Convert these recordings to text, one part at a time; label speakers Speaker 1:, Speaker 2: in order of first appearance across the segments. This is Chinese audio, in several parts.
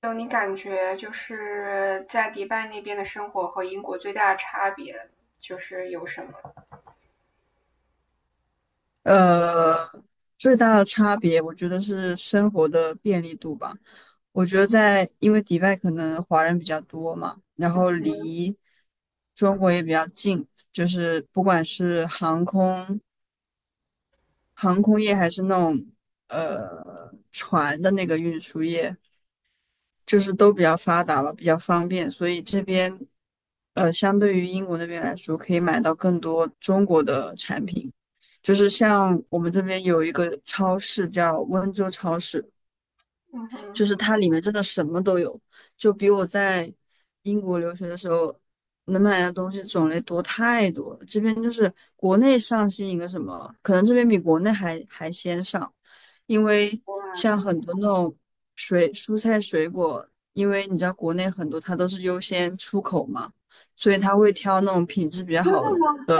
Speaker 1: 就你感觉就是在迪拜那边的生活和英国最大的差别就是有什么？
Speaker 2: 呃，最大的差别，我觉得是生活的便利度吧。我觉得在，因为迪拜可能华人比较多嘛，然后离中国也比较近，就是不管是航空业还是那种船的那个运输业，就是都比较发达了，比较方便，所以这边相对于英国那边来说，可以买到更多中国的产品。就是像我们这边有一个超市叫温州超市，
Speaker 1: 嗯
Speaker 2: 就
Speaker 1: 哼。
Speaker 2: 是它里面真的什么都有，就比我在英国留学的时候能买的东西种类多太多了。这边就是国内上新一个什么，可能这边比国内还先上，因为
Speaker 1: 哇，这
Speaker 2: 像
Speaker 1: 么
Speaker 2: 很多那种水蔬菜水果，因为你知道国内很多它都是优先出口嘛，所以他会挑那种品质比较
Speaker 1: 真的
Speaker 2: 好的。
Speaker 1: 吗？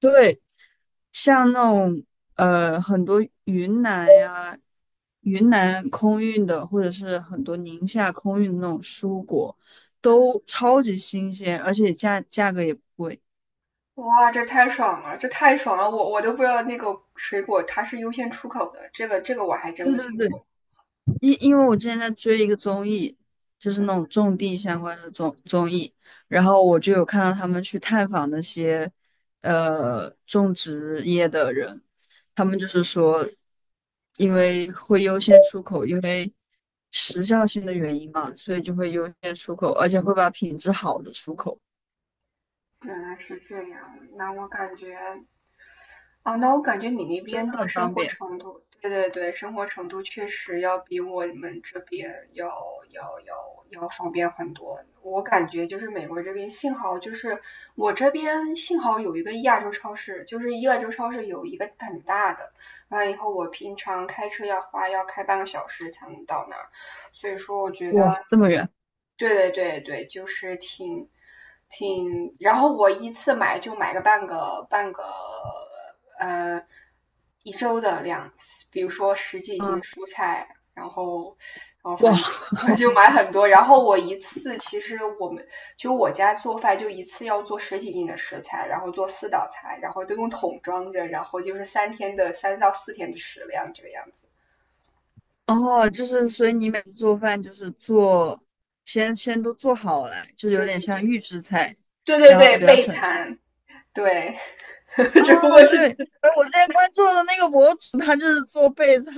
Speaker 2: 对，像那种很多云南呀、云南空运的，或者是很多宁夏空运的那种蔬果，
Speaker 1: 嗯，
Speaker 2: 都超级新鲜，而且价格也不贵。
Speaker 1: 哇，这太爽了，这太爽了！我都不知道那个水果它是优先出口的，这个我还真
Speaker 2: 对
Speaker 1: 不
Speaker 2: 对
Speaker 1: 清
Speaker 2: 对，
Speaker 1: 楚。
Speaker 2: 因为我之前在追一个综艺，就是
Speaker 1: 嗯，
Speaker 2: 那种种地相关的综艺，然后我就有看到他们去探访那些种植业的人，他们就是说，因为会优先出口，因为时效性的原因嘛，所以就会优先出口，而且会把品质好的出口，
Speaker 1: 原来是这样。那我感觉你那
Speaker 2: 真的
Speaker 1: 边的
Speaker 2: 很
Speaker 1: 生
Speaker 2: 方
Speaker 1: 活
Speaker 2: 便。
Speaker 1: 程度，对对对，生活程度确实要比我们这边要方便很多。我感觉就是美国这边，幸好就是我这边幸好有一个亚洲超市，就是亚洲超市有一个很大的，完了以后我平常开车要开半小时才能到那儿，所以说我觉得
Speaker 2: 哇，这么远，
Speaker 1: 对对对，对，就是然后我一次买就买个半个呃一周的量，比如说十几斤
Speaker 2: 嗯，
Speaker 1: 蔬菜，然后反
Speaker 2: 哇，
Speaker 1: 正就 就 买很多，然后我一次其实我们就我家做饭就一次要做十几斤的食材，然后做四道菜，然后都用桶装着，然后就是三到四天的食量这个样子。
Speaker 2: 哦，就是所以你每次做饭就是做，先都做好了，就有点
Speaker 1: 对
Speaker 2: 像预制菜，
Speaker 1: 对对
Speaker 2: 然后
Speaker 1: 对，
Speaker 2: 比较
Speaker 1: 备
Speaker 2: 省事。
Speaker 1: 餐。对。
Speaker 2: 哦，
Speaker 1: 只不过
Speaker 2: 对，
Speaker 1: 是
Speaker 2: 哎，我之前关注的那个博主，他就是做备菜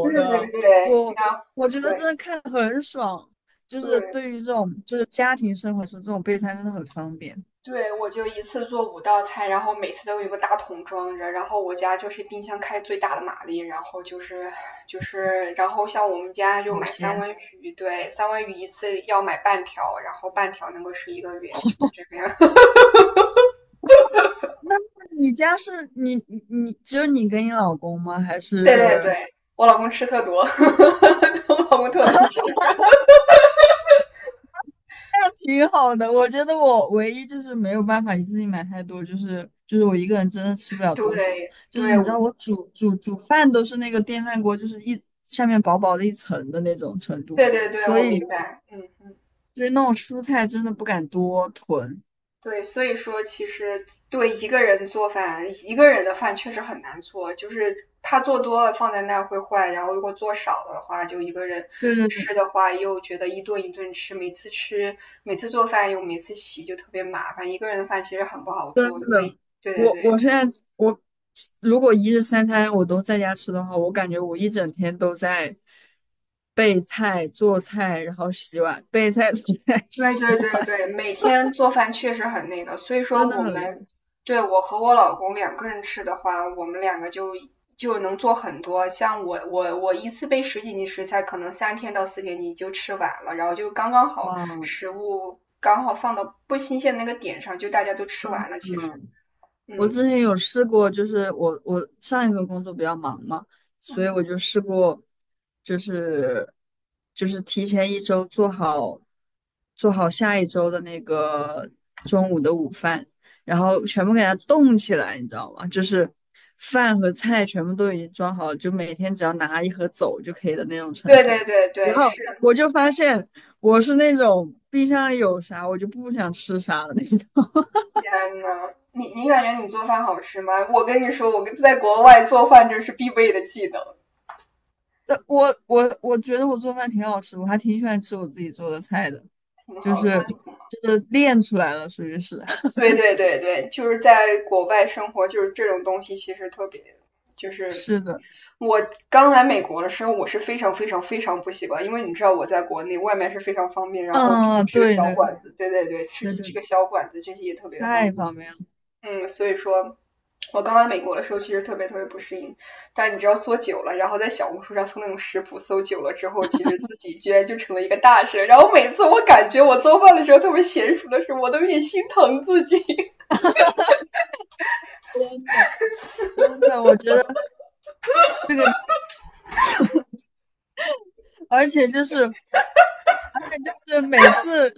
Speaker 1: 对对对
Speaker 2: 我觉得真
Speaker 1: 对
Speaker 2: 的看得很爽，就是
Speaker 1: 对
Speaker 2: 对于这种就是家庭生活中这种备餐真的很方便，
Speaker 1: 对，我就一次做五道菜，然后每次都有一个大桶装着，然后我家就是冰箱开最大的马力，然后就是，然后像我们家就
Speaker 2: 保
Speaker 1: 买三
Speaker 2: 鲜。
Speaker 1: 文鱼，对，三文鱼一次要买半条，然后半条能够吃一个月，就是这个样。
Speaker 2: 那你家是你只有你跟你老公吗？还
Speaker 1: 对对
Speaker 2: 是？
Speaker 1: 对，我老公吃特多。我老公特能吃。
Speaker 2: 那挺好的，我觉得我唯一就是没有办法一次性买太多，就是我一个人真的吃不了多少。
Speaker 1: 对
Speaker 2: 就
Speaker 1: 对
Speaker 2: 是你知道我煮饭都是那个电饭锅，就是一下面薄薄的一层的那种程度，
Speaker 1: 对对对，
Speaker 2: 所
Speaker 1: 我明
Speaker 2: 以
Speaker 1: 白，嗯嗯。
Speaker 2: 对那种蔬菜真的不敢多囤。
Speaker 1: 对，所以说其实对一个人做饭，一个人的饭确实很难做，就是他做多了放在那儿会坏，然后如果做少了的话，就一个人
Speaker 2: 对对
Speaker 1: 吃
Speaker 2: 对。
Speaker 1: 的话又觉得一顿一顿吃，每次做饭又每次洗就特别麻烦，一个人的饭其实很不好
Speaker 2: 真
Speaker 1: 做，因为
Speaker 2: 的，
Speaker 1: 对对对，
Speaker 2: 我现在我如果一日三餐我都在家吃的话，我感觉我一整天都在备菜、做菜，然后洗碗，备菜、做菜、
Speaker 1: 对
Speaker 2: 洗
Speaker 1: 对对
Speaker 2: 碗，
Speaker 1: 对，每天做饭确实很那个，所以
Speaker 2: 真
Speaker 1: 说
Speaker 2: 的
Speaker 1: 我
Speaker 2: 很累。
Speaker 1: 们，对，我和我老公两个人吃的话，我们两个就能做很多。像我一次备十几斤食材，可能三天到四天你就吃完了，然后就刚刚好，
Speaker 2: 哇，
Speaker 1: 食物刚好放到不新鲜那个点上，就大家都吃完了。其实，
Speaker 2: 嗯，我
Speaker 1: 嗯。
Speaker 2: 之前有试过，就是我上一份工作比较忙嘛，所以
Speaker 1: 嗯，
Speaker 2: 我就试过，就是就是提前一周做好做好下一周的那个中午的午饭，然后全部给它冻起来，你知道吗？就是饭和菜全部都已经装好了，就每天只要拿一盒走就可以的那种程
Speaker 1: 对
Speaker 2: 度。
Speaker 1: 对对
Speaker 2: 然
Speaker 1: 对，
Speaker 2: 后
Speaker 1: 是。
Speaker 2: 我就发现我是那种冰箱里有啥我就不想吃啥的那种。
Speaker 1: 天呐，你你感觉你做饭好吃吗？我跟你说，我跟在国外做饭这是必备的技能。
Speaker 2: 我觉得我做饭挺好吃的，我还挺喜欢吃我自己做的菜的，
Speaker 1: 挺
Speaker 2: 就
Speaker 1: 好的，那
Speaker 2: 是
Speaker 1: 就
Speaker 2: 就是练出来了，属于是
Speaker 1: 对对对对，就是在国外生活，就是这种东西其实特别，就是
Speaker 2: 是的，
Speaker 1: 我刚来美国的时候，我是非常非常非常不习惯，因为你知道我在国内外卖是非常方便，然后去
Speaker 2: 嗯，
Speaker 1: 吃个
Speaker 2: 对
Speaker 1: 小
Speaker 2: 对
Speaker 1: 馆
Speaker 2: 对
Speaker 1: 子，对对对，吃
Speaker 2: 对
Speaker 1: 吃
Speaker 2: 对，
Speaker 1: 个小馆子这些也特别的
Speaker 2: 太
Speaker 1: 方便。
Speaker 2: 方便了，
Speaker 1: 嗯，所以说。我刚来美国的时候，其实特别特别不适应，但你知道做久了，然后在小红书上搜那种食谱，搜久了之后，其实自己居然就成了一个大神。然后每次我感觉我做饭的时候特别娴熟的时候，我都有点心疼自己。
Speaker 2: 真的真的，我觉得，而且就是。就是每次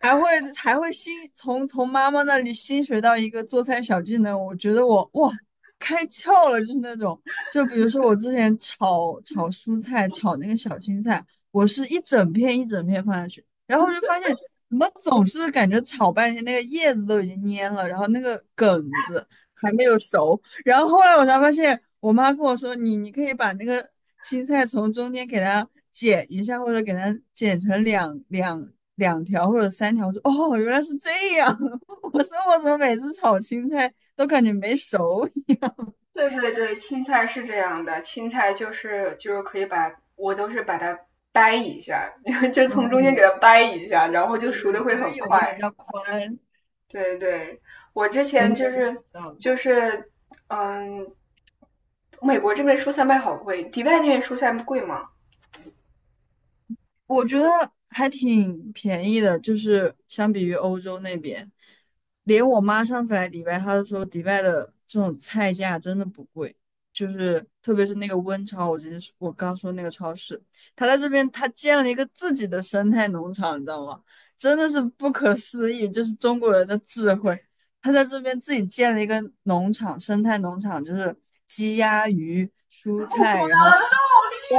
Speaker 2: 还会还会新从妈妈那里新学到一个做菜小技能，我觉得我哇开窍了，就是那种，就比如说我之前炒蔬菜，炒那个小青菜，我是一整片一整片放下去，然后就发现怎么总是感觉炒半天那个叶子都已经蔫了，然后那个梗子还没有熟，然后后来我才发现，我妈跟我说，你可以把那个青菜从中间给它剪一下，或者给它剪成两条或者三条。我说哦，原来是这样。我说我怎么每次炒青菜都感觉没熟一样？
Speaker 1: 对对对，青菜是这样的，青菜就是可以把我都是把它掰一下，就从中间给
Speaker 2: 嗯，
Speaker 1: 它掰一下，然后
Speaker 2: 对对
Speaker 1: 就熟的
Speaker 2: 对，
Speaker 1: 会
Speaker 2: 因为
Speaker 1: 很
Speaker 2: 有的比
Speaker 1: 快。
Speaker 2: 较宽，
Speaker 1: 对对，我之前
Speaker 2: 真的是
Speaker 1: 就
Speaker 2: 学
Speaker 1: 是
Speaker 2: 到了。
Speaker 1: 就是嗯，美国这边蔬菜卖好贵，迪拜那边蔬菜贵吗？
Speaker 2: 我觉得还挺便宜的，就是相比于欧洲那边，连我妈上次来迪拜，她都说迪拜的这种菜价真的不贵，就是特别是那个温超，我直接说我刚说那个超市，她在这边她建了一个自己的生态农场，你知道吗？真的是不可思议，就是中国人的智慧，她在这边自己建了一个农场，生态农场，就是鸡鸭鱼、蔬菜，然后。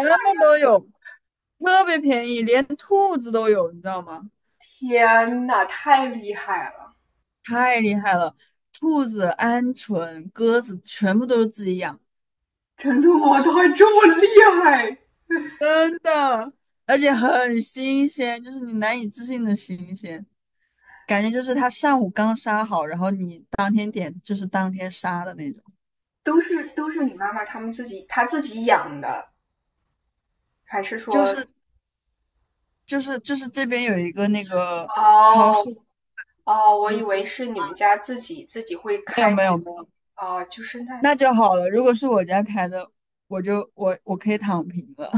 Speaker 2: 什么都有，特别便宜，连兔子都有，你知道吗？
Speaker 1: 天呐，太厉害了！
Speaker 2: 太厉害了！兔子、鹌鹑、鸽子全部都是自己养，
Speaker 1: 真的吗？他还这么厉害？
Speaker 2: 真的，而且很新鲜，就是你难以置信的新鲜，感觉就是它上午刚杀好，然后你当天点就是当天杀的那种，
Speaker 1: 都是你妈妈他自己养的，还是
Speaker 2: 就
Speaker 1: 说？
Speaker 2: 是就是这边有一个那个超
Speaker 1: 哦。
Speaker 2: 市，
Speaker 1: 哦，我以
Speaker 2: 不，
Speaker 1: 为是你们家自己会
Speaker 2: 没有
Speaker 1: 开
Speaker 2: 没
Speaker 1: 那
Speaker 2: 有
Speaker 1: 种。
Speaker 2: 没有，
Speaker 1: 哦，就是那，
Speaker 2: 那就好了。如果是我家开的，我就我我可以躺平了。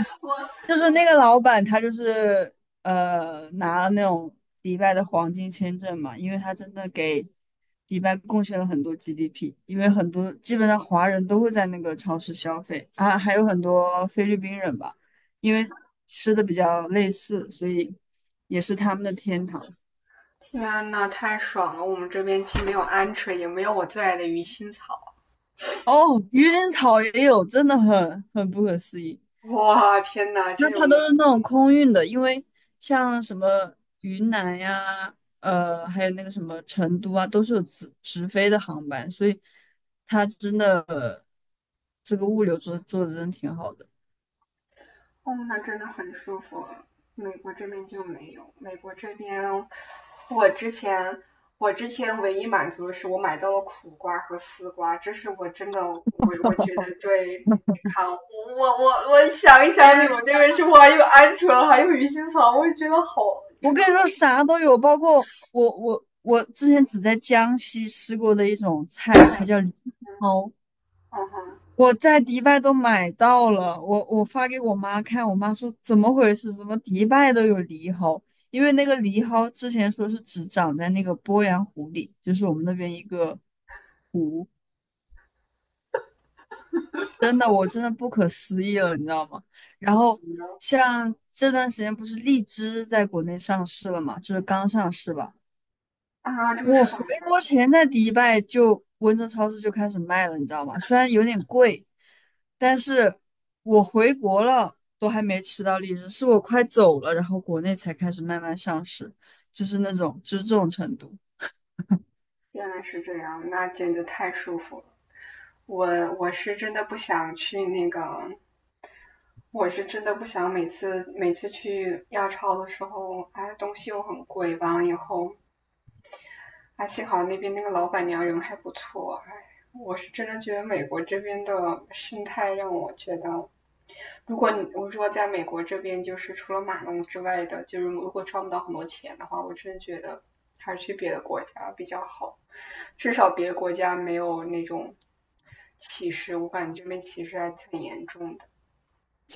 Speaker 1: 我
Speaker 2: 就是那个老板，他就是拿了那种迪拜的黄金签证嘛，因为他真的给迪拜贡献了很多 GDP,因为很多基本上华人都会在那个超市消费啊，还有很多菲律宾人吧，因为吃的比较类似，所以也是他们的天堂。
Speaker 1: 天呐，太爽了！我们这边既没有鹌鹑，也没有我最爱的鱼腥草。
Speaker 2: 哦，愚人草也有，真的很不可思议。
Speaker 1: 哇，天呐，这
Speaker 2: 它
Speaker 1: 种
Speaker 2: 它都是那种空运的，因为像什么云南呀，还有那个什么成都啊，都是有直飞的航班，所以它真的，这个物流做的真的挺好的。
Speaker 1: 哦，那真的很舒服。美国这边就没有，美国这边我之前我之前唯一满足的是我买到了苦瓜和丝瓜，这是我真的我我觉得对健康，我想一想你
Speaker 2: 天，
Speaker 1: 们那边是不还有鹌鹑，还有鱼腥草，我就觉得好
Speaker 2: 我
Speaker 1: 真
Speaker 2: 跟
Speaker 1: 好。
Speaker 2: 你说，啥都有，包括我之前只在江西吃过的一种菜，它叫藜蒿，
Speaker 1: 嗯哼。
Speaker 2: 我在迪拜都买到了，我发给我妈看，我妈说怎么回事？怎么迪拜都有藜蒿？因为那个藜蒿之前说是只长在那个鄱阳湖里，就是我们那边一个湖，真的我真的不可思议了，你知道吗？然后像这段时间不是荔枝在国内上市了嘛，就是刚上市吧。
Speaker 1: 啊，这么
Speaker 2: 我
Speaker 1: 爽
Speaker 2: 回国
Speaker 1: 啊！
Speaker 2: 前在迪拜就温州超市就开始卖了，你知道吗？虽然有点贵，但是我回国了都还没吃到荔枝，是我快走了，然后国内才开始慢慢上市，就是那种就是这种程度。
Speaker 1: 原来是这样，那简直太舒服了。我我是真的不想去那个我是真的不想每次去亚超的时候，哎，东西又很贵，完了以后，哎，幸好那边那个老板娘人还不错，哎，我是真的觉得美国这边的生态让我觉得，如果你我如果在美国这边就是除了马农之外的，就是如果赚不到很多钱的话，我真的觉得还是去别的国家比较好，至少别的国家没有那种歧视，我感觉这边歧视还挺严重的。